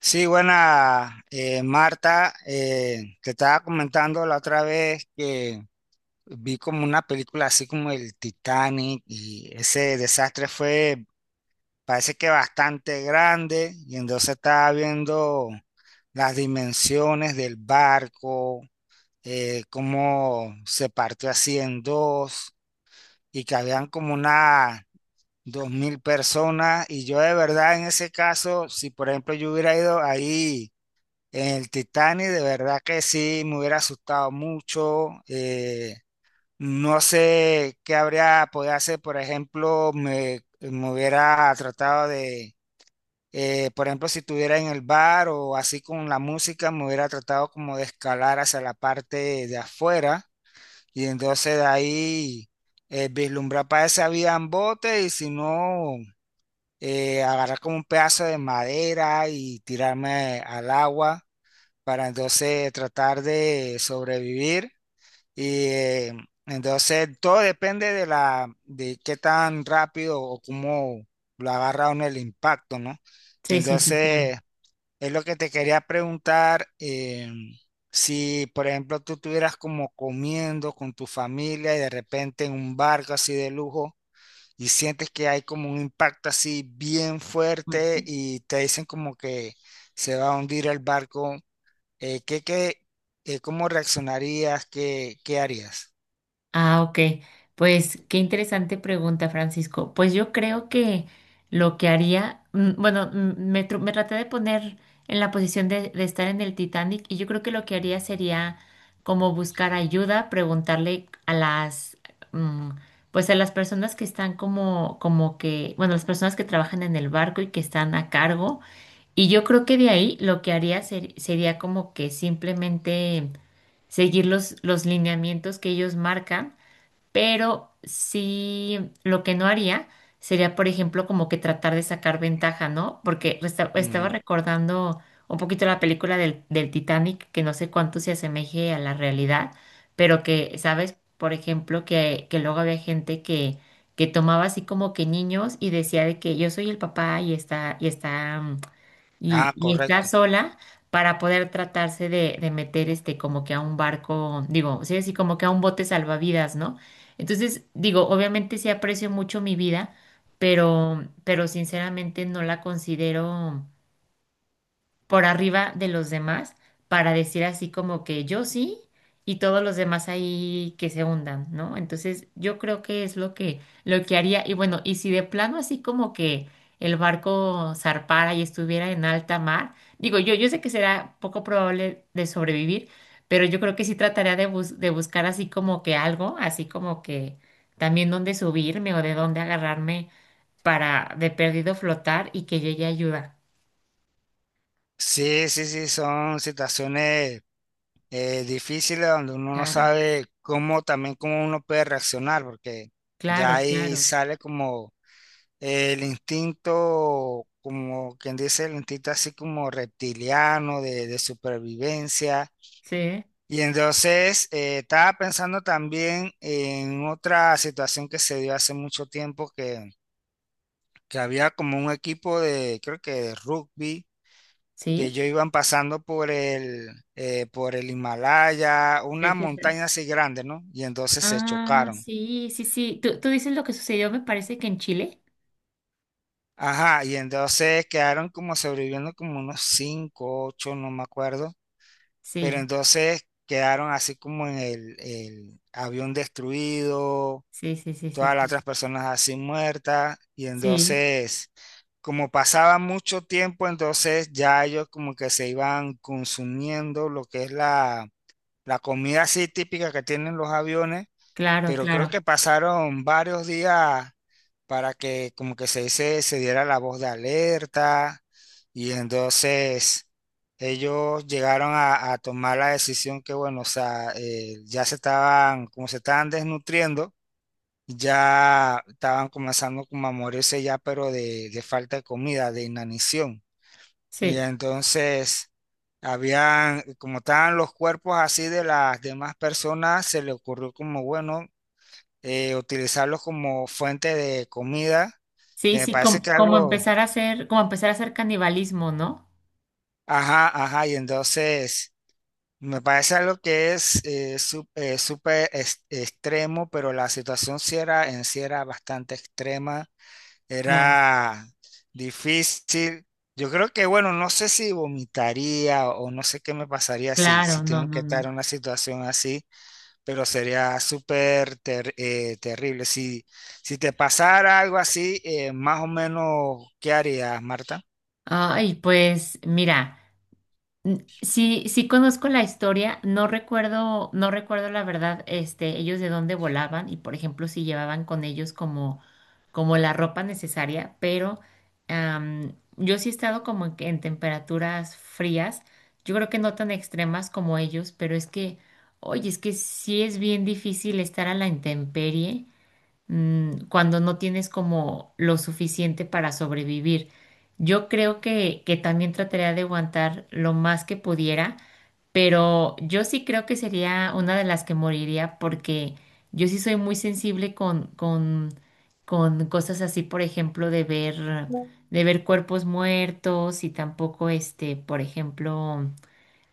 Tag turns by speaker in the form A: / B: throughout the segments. A: Sí, buena, Marta. Te estaba comentando la otra vez que vi como una película así como el Titanic y ese desastre fue, parece que bastante grande y entonces estaba viendo las dimensiones del barco, cómo se partió así en dos y que habían como unas 2000 y yo de verdad en ese caso, si por ejemplo yo hubiera ido ahí en el Titanic, de verdad que sí, me hubiera asustado mucho. No sé qué habría podido hacer, por ejemplo, me hubiera tratado de, por ejemplo, si estuviera en el bar o así con la música, me hubiera tratado como de escalar hacia la parte de afuera y entonces de ahí vislumbrar para esa vía en bote y si no, agarrar como un pedazo de madera y tirarme al agua para entonces tratar de sobrevivir. Y entonces todo depende de la, de qué tan rápido o cómo lo agarra uno el impacto, ¿no? Y
B: Sí, sí, sí, claro.
A: entonces es lo que te quería preguntar, si por ejemplo tú estuvieras como comiendo con tu familia y de repente en un barco así de lujo y sientes que hay como un impacto así bien
B: Bueno.
A: fuerte y te dicen como que se va a hundir el barco eh, ¿qué, qué, cómo reaccionarías? ¿Qué, qué harías?
B: Ah, ok. Pues qué interesante pregunta, Francisco. Pues yo creo que lo que haría, bueno, me traté de poner en la posición de estar en el Titanic, y yo creo que lo que haría sería como buscar ayuda, preguntarle a las, mm, pues a las personas que están como, como que, bueno, las personas que trabajan en el barco y que están a cargo. Y yo creo que de ahí lo que haría sería como que simplemente seguir los lineamientos que ellos marcan, pero sí lo que no haría sería, por ejemplo, como que tratar de sacar ventaja, ¿no? Porque estaba
A: Ujú.
B: recordando un poquito la película del Titanic, que no sé cuánto se asemeje a la realidad, pero que, ¿sabes? Por ejemplo, que luego había gente que tomaba así como que niños y decía de que yo soy el papá y está, y está mm, y,
A: Ah,
B: y está
A: correcto.
B: sola para poder tratarse de meter este como que a un barco, digo, sí, así como que a un bote salvavidas, ¿no? Entonces, digo, obviamente sí aprecio mucho mi vida, pero sinceramente no la considero por arriba de los demás para decir así como que yo sí y todos los demás ahí que se hundan, ¿no? Entonces yo creo que es lo que haría. Y bueno, y si de plano así como que el barco zarpara y estuviera en alta mar, digo, yo sé que será poco probable de sobrevivir, pero yo creo que sí trataría de buscar así como que algo, así como que también dónde subirme o de dónde agarrarme para de perdido flotar y que llegue ayuda.
A: Sí, sí, sí, son situaciones difíciles donde uno no
B: Claro,
A: sabe cómo también cómo uno puede reaccionar, porque ya
B: claro,
A: ahí
B: claro.
A: sale como el instinto, como quien dice, el instinto así como reptiliano de supervivencia.
B: Sí,
A: Y entonces estaba pensando también en otra situación que se dio hace mucho tiempo que había como un equipo de, creo que de rugby, que
B: ¿sí?
A: ellos iban pasando por el, por el Himalaya,
B: Sí,
A: una
B: sí, sí.
A: montaña así grande, ¿no? Y entonces se
B: Ah,
A: chocaron.
B: sí, sí, sí. ¿Tú dices lo que sucedió, me parece que en Chile?
A: Ajá, y entonces quedaron como sobreviviendo como unos cinco, ocho, no me acuerdo, pero
B: Sí,
A: entonces quedaron así como en el avión destruido,
B: sí, sí, sí, sí,
A: todas las
B: sí.
A: otras personas así muertas. Y
B: Sí,
A: entonces, como pasaba mucho tiempo, entonces ya ellos como que se iban consumiendo lo que es la comida así típica que tienen los aviones,
B: claro,
A: pero creo que
B: claro.
A: pasaron varios días para que como que se dice, se diera la voz de alerta y entonces ellos llegaron a tomar la decisión que bueno, o sea, ya se estaban, como se estaban desnutriendo, ya estaban comenzando como a morirse ya, pero de falta de comida, de inanición. Y
B: Sí,
A: entonces, habían, como estaban los cuerpos así de las demás personas, se le ocurrió como, bueno, utilizarlos como fuente de comida,
B: sí,
A: que me
B: sí,
A: parece que algo,
B: como empezar a hacer canibalismo, ¿no?
A: ajá, ajá, y entonces... Me parece algo que es súper extremo, pero la situación sí era, en sí era bastante extrema.
B: Claro,
A: Era difícil. Yo creo que, bueno, no sé si vomitaría o no sé qué me pasaría si, si
B: claro, no,
A: tengo que
B: no,
A: estar en
B: no.
A: una situación así, pero sería súper terrible. Si, si te pasara algo así, más o menos, ¿qué harías, Marta?
B: Ay, pues mira. Sí, sí conozco la historia, no recuerdo, no recuerdo la verdad, este, ellos de dónde volaban y por ejemplo si llevaban con ellos como la ropa necesaria, pero yo sí he estado como en temperaturas frías, yo creo que no tan extremas como ellos, pero es que, oye, es que sí es bien difícil estar a la intemperie cuando no tienes como lo suficiente para sobrevivir. Yo creo que también trataría de aguantar lo más que pudiera, pero yo sí creo que sería una de las que moriría, porque yo sí soy muy sensible con cosas así, por ejemplo, de ver cuerpos muertos y tampoco, este, por ejemplo.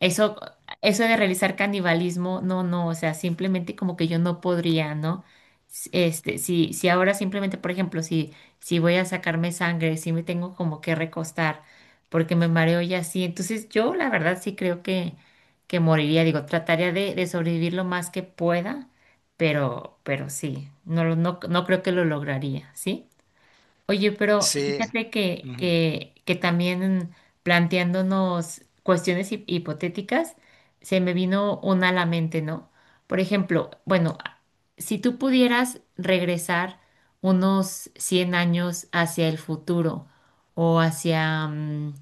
B: Eso, eso de realizar canibalismo, no, no, o sea, simplemente como que yo no podría, ¿no? Este, si ahora simplemente, por ejemplo, si voy a sacarme sangre, si me tengo como que recostar, porque me mareo y así, entonces yo la verdad sí creo que moriría, digo, trataría de sobrevivir lo más que pueda, pero, sí, no, no, no creo que lo lograría, ¿sí? Oye, pero
A: Sí.
B: fíjate que,
A: Ujú.
B: que, que también planteándonos cuestiones hipotéticas, se me vino una a la mente, ¿no? Por ejemplo, bueno, si tú pudieras regresar unos 100 años hacia el futuro o hacia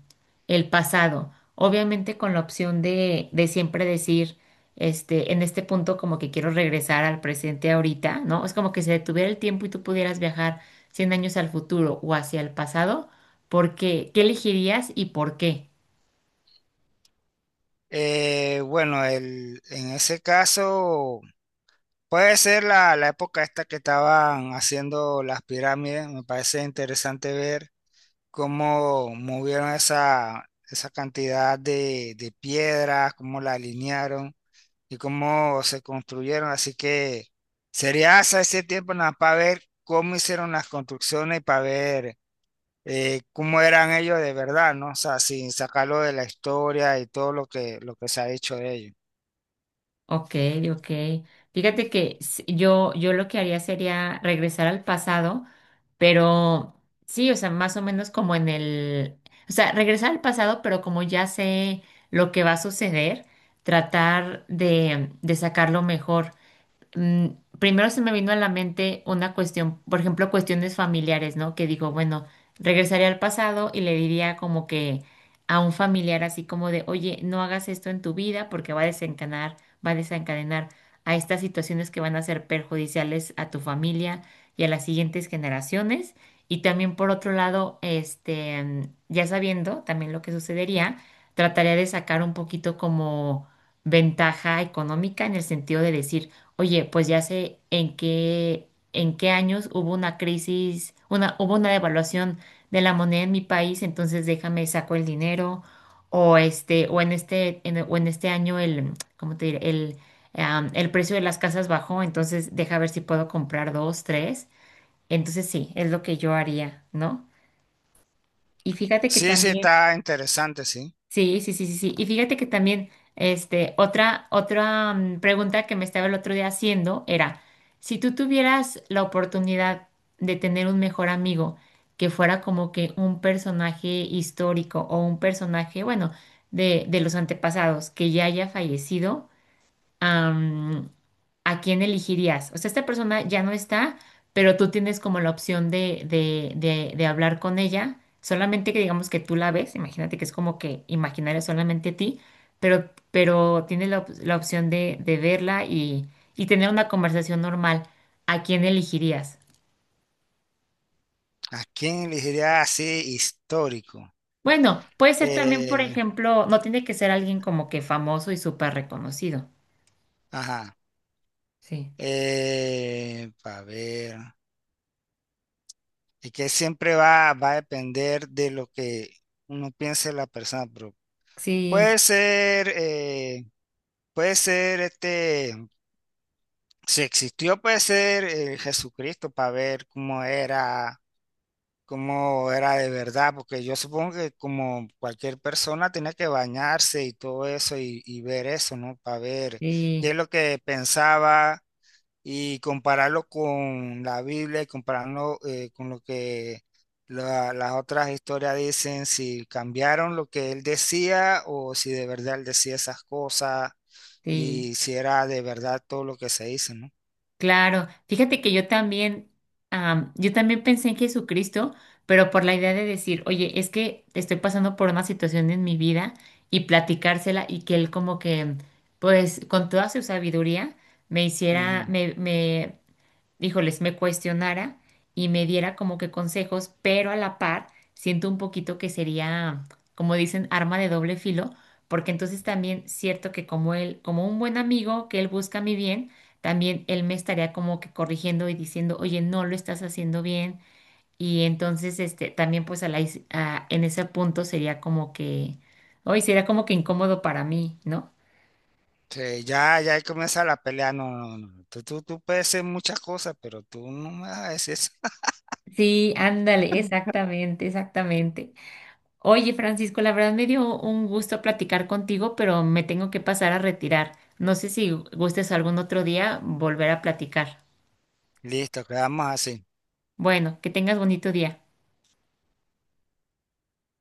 B: el pasado, obviamente con la opción de siempre decir, este, en este punto como que quiero regresar al presente ahorita, ¿no? Es como que se detuviera el tiempo y tú pudieras viajar 100 años al futuro o hacia el pasado, ¿por qué? ¿Qué elegirías y por qué?
A: Bueno, el, en ese caso, puede ser la época esta que estaban haciendo las pirámides. Me parece interesante ver cómo movieron esa, esa cantidad de piedras, cómo la alinearon y cómo se construyeron. Así que sería hasta ese tiempo nada para ver cómo hicieron las construcciones y para ver cómo eran ellos de verdad, ¿no? O sea, sin sacarlo de la historia y todo lo que se ha hecho de ellos.
B: Ok, ok. Fíjate que yo lo que haría sería regresar al pasado, pero sí, o sea, más o menos como en el, o sea, regresar al pasado, pero como ya sé lo que va a suceder, tratar de sacarlo mejor. mm, Primero se me vino a la mente una cuestión, por ejemplo, cuestiones familiares, ¿no? Que digo, bueno, regresaría al pasado y le diría como que a un familiar así como de, oye, no hagas esto en tu vida porque va a desencadenar a estas situaciones que van a ser perjudiciales a tu familia y a las siguientes generaciones. Y también por otro lado, este, ya sabiendo también lo que sucedería, trataría de sacar un poquito como ventaja económica en el sentido de decir, oye, pues ya sé en qué años hubo una crisis, hubo una devaluación de la moneda en mi país, entonces déjame saco el dinero, o este o en este o en este año el, ¿cómo te diré? El precio de las casas bajó, entonces deja ver si puedo comprar dos, tres. Entonces sí, es lo que yo haría, ¿no? Y fíjate que
A: Sí, sí,
B: también.
A: está interesante, sí.
B: Sí, sí, sí, sí, sí. Y fíjate que también, este, otra, pregunta que me estaba el otro día haciendo era, si tú tuvieras la oportunidad de tener un mejor amigo que fuera como que un personaje histórico o un personaje, bueno, de los antepasados que ya haya fallecido, am, ¿a quién elegirías? O sea, esta persona ya no está, pero tú tienes como la opción de hablar con ella, solamente que digamos que tú la ves, imagínate que es como que imaginaria solamente a ti, pero, tienes la, la opción de verla y tener una conversación normal. ¿A quién elegirías?
A: ¿A quién elegiría así histórico?
B: Bueno, puede ser también, por
A: Eh,
B: ejemplo, no tiene que ser alguien como que famoso y súper reconocido.
A: ajá.
B: Sí,
A: Para ver. Y que siempre va, va a depender de lo que uno piense la persona, pero
B: sí,
A: puede ser, puede ser este, si existió, puede ser Jesucristo para ver cómo era de verdad, porque yo supongo que como cualquier persona tenía que bañarse y todo eso y ver eso, ¿no? Para ver qué es
B: sí,
A: lo que pensaba y compararlo con la Biblia y compararlo con lo que las otras historias dicen, si cambiaron lo que él decía o si de verdad él decía esas cosas
B: sí.
A: y si era de verdad todo lo que se dice, ¿no?
B: Claro, fíjate que yo también, yo también pensé en Jesucristo, pero por la idea de decir, oye, es que estoy pasando por una situación en mi vida y platicársela, y que él como que, pues, con toda su sabiduría me hiciera,
A: Ujú.
B: me híjoles, me cuestionara y me diera como que consejos, pero a la par siento un poquito que sería, como dicen, arma de doble filo, porque entonces también cierto que como él, como un buen amigo que él busca mi bien, también él me estaría como que corrigiendo y diciendo, oye, no lo estás haciendo bien. Y entonces, este, también pues a la, is- a- en ese punto sería como que, hoy sería como que incómodo para mí, ¿no?
A: Sí, ya, ya ahí comienza la pelea. No, no, no, tú, tú puedes ser muchas cosas, pero tú no me vas a decir eso.
B: Sí, ándale, exactamente, exactamente. Oye, Francisco, la verdad me dio un gusto platicar contigo, pero me tengo que pasar a retirar. No sé si gustes algún otro día volver a platicar.
A: Listo, quedamos así.
B: Bueno, que tengas bonito día.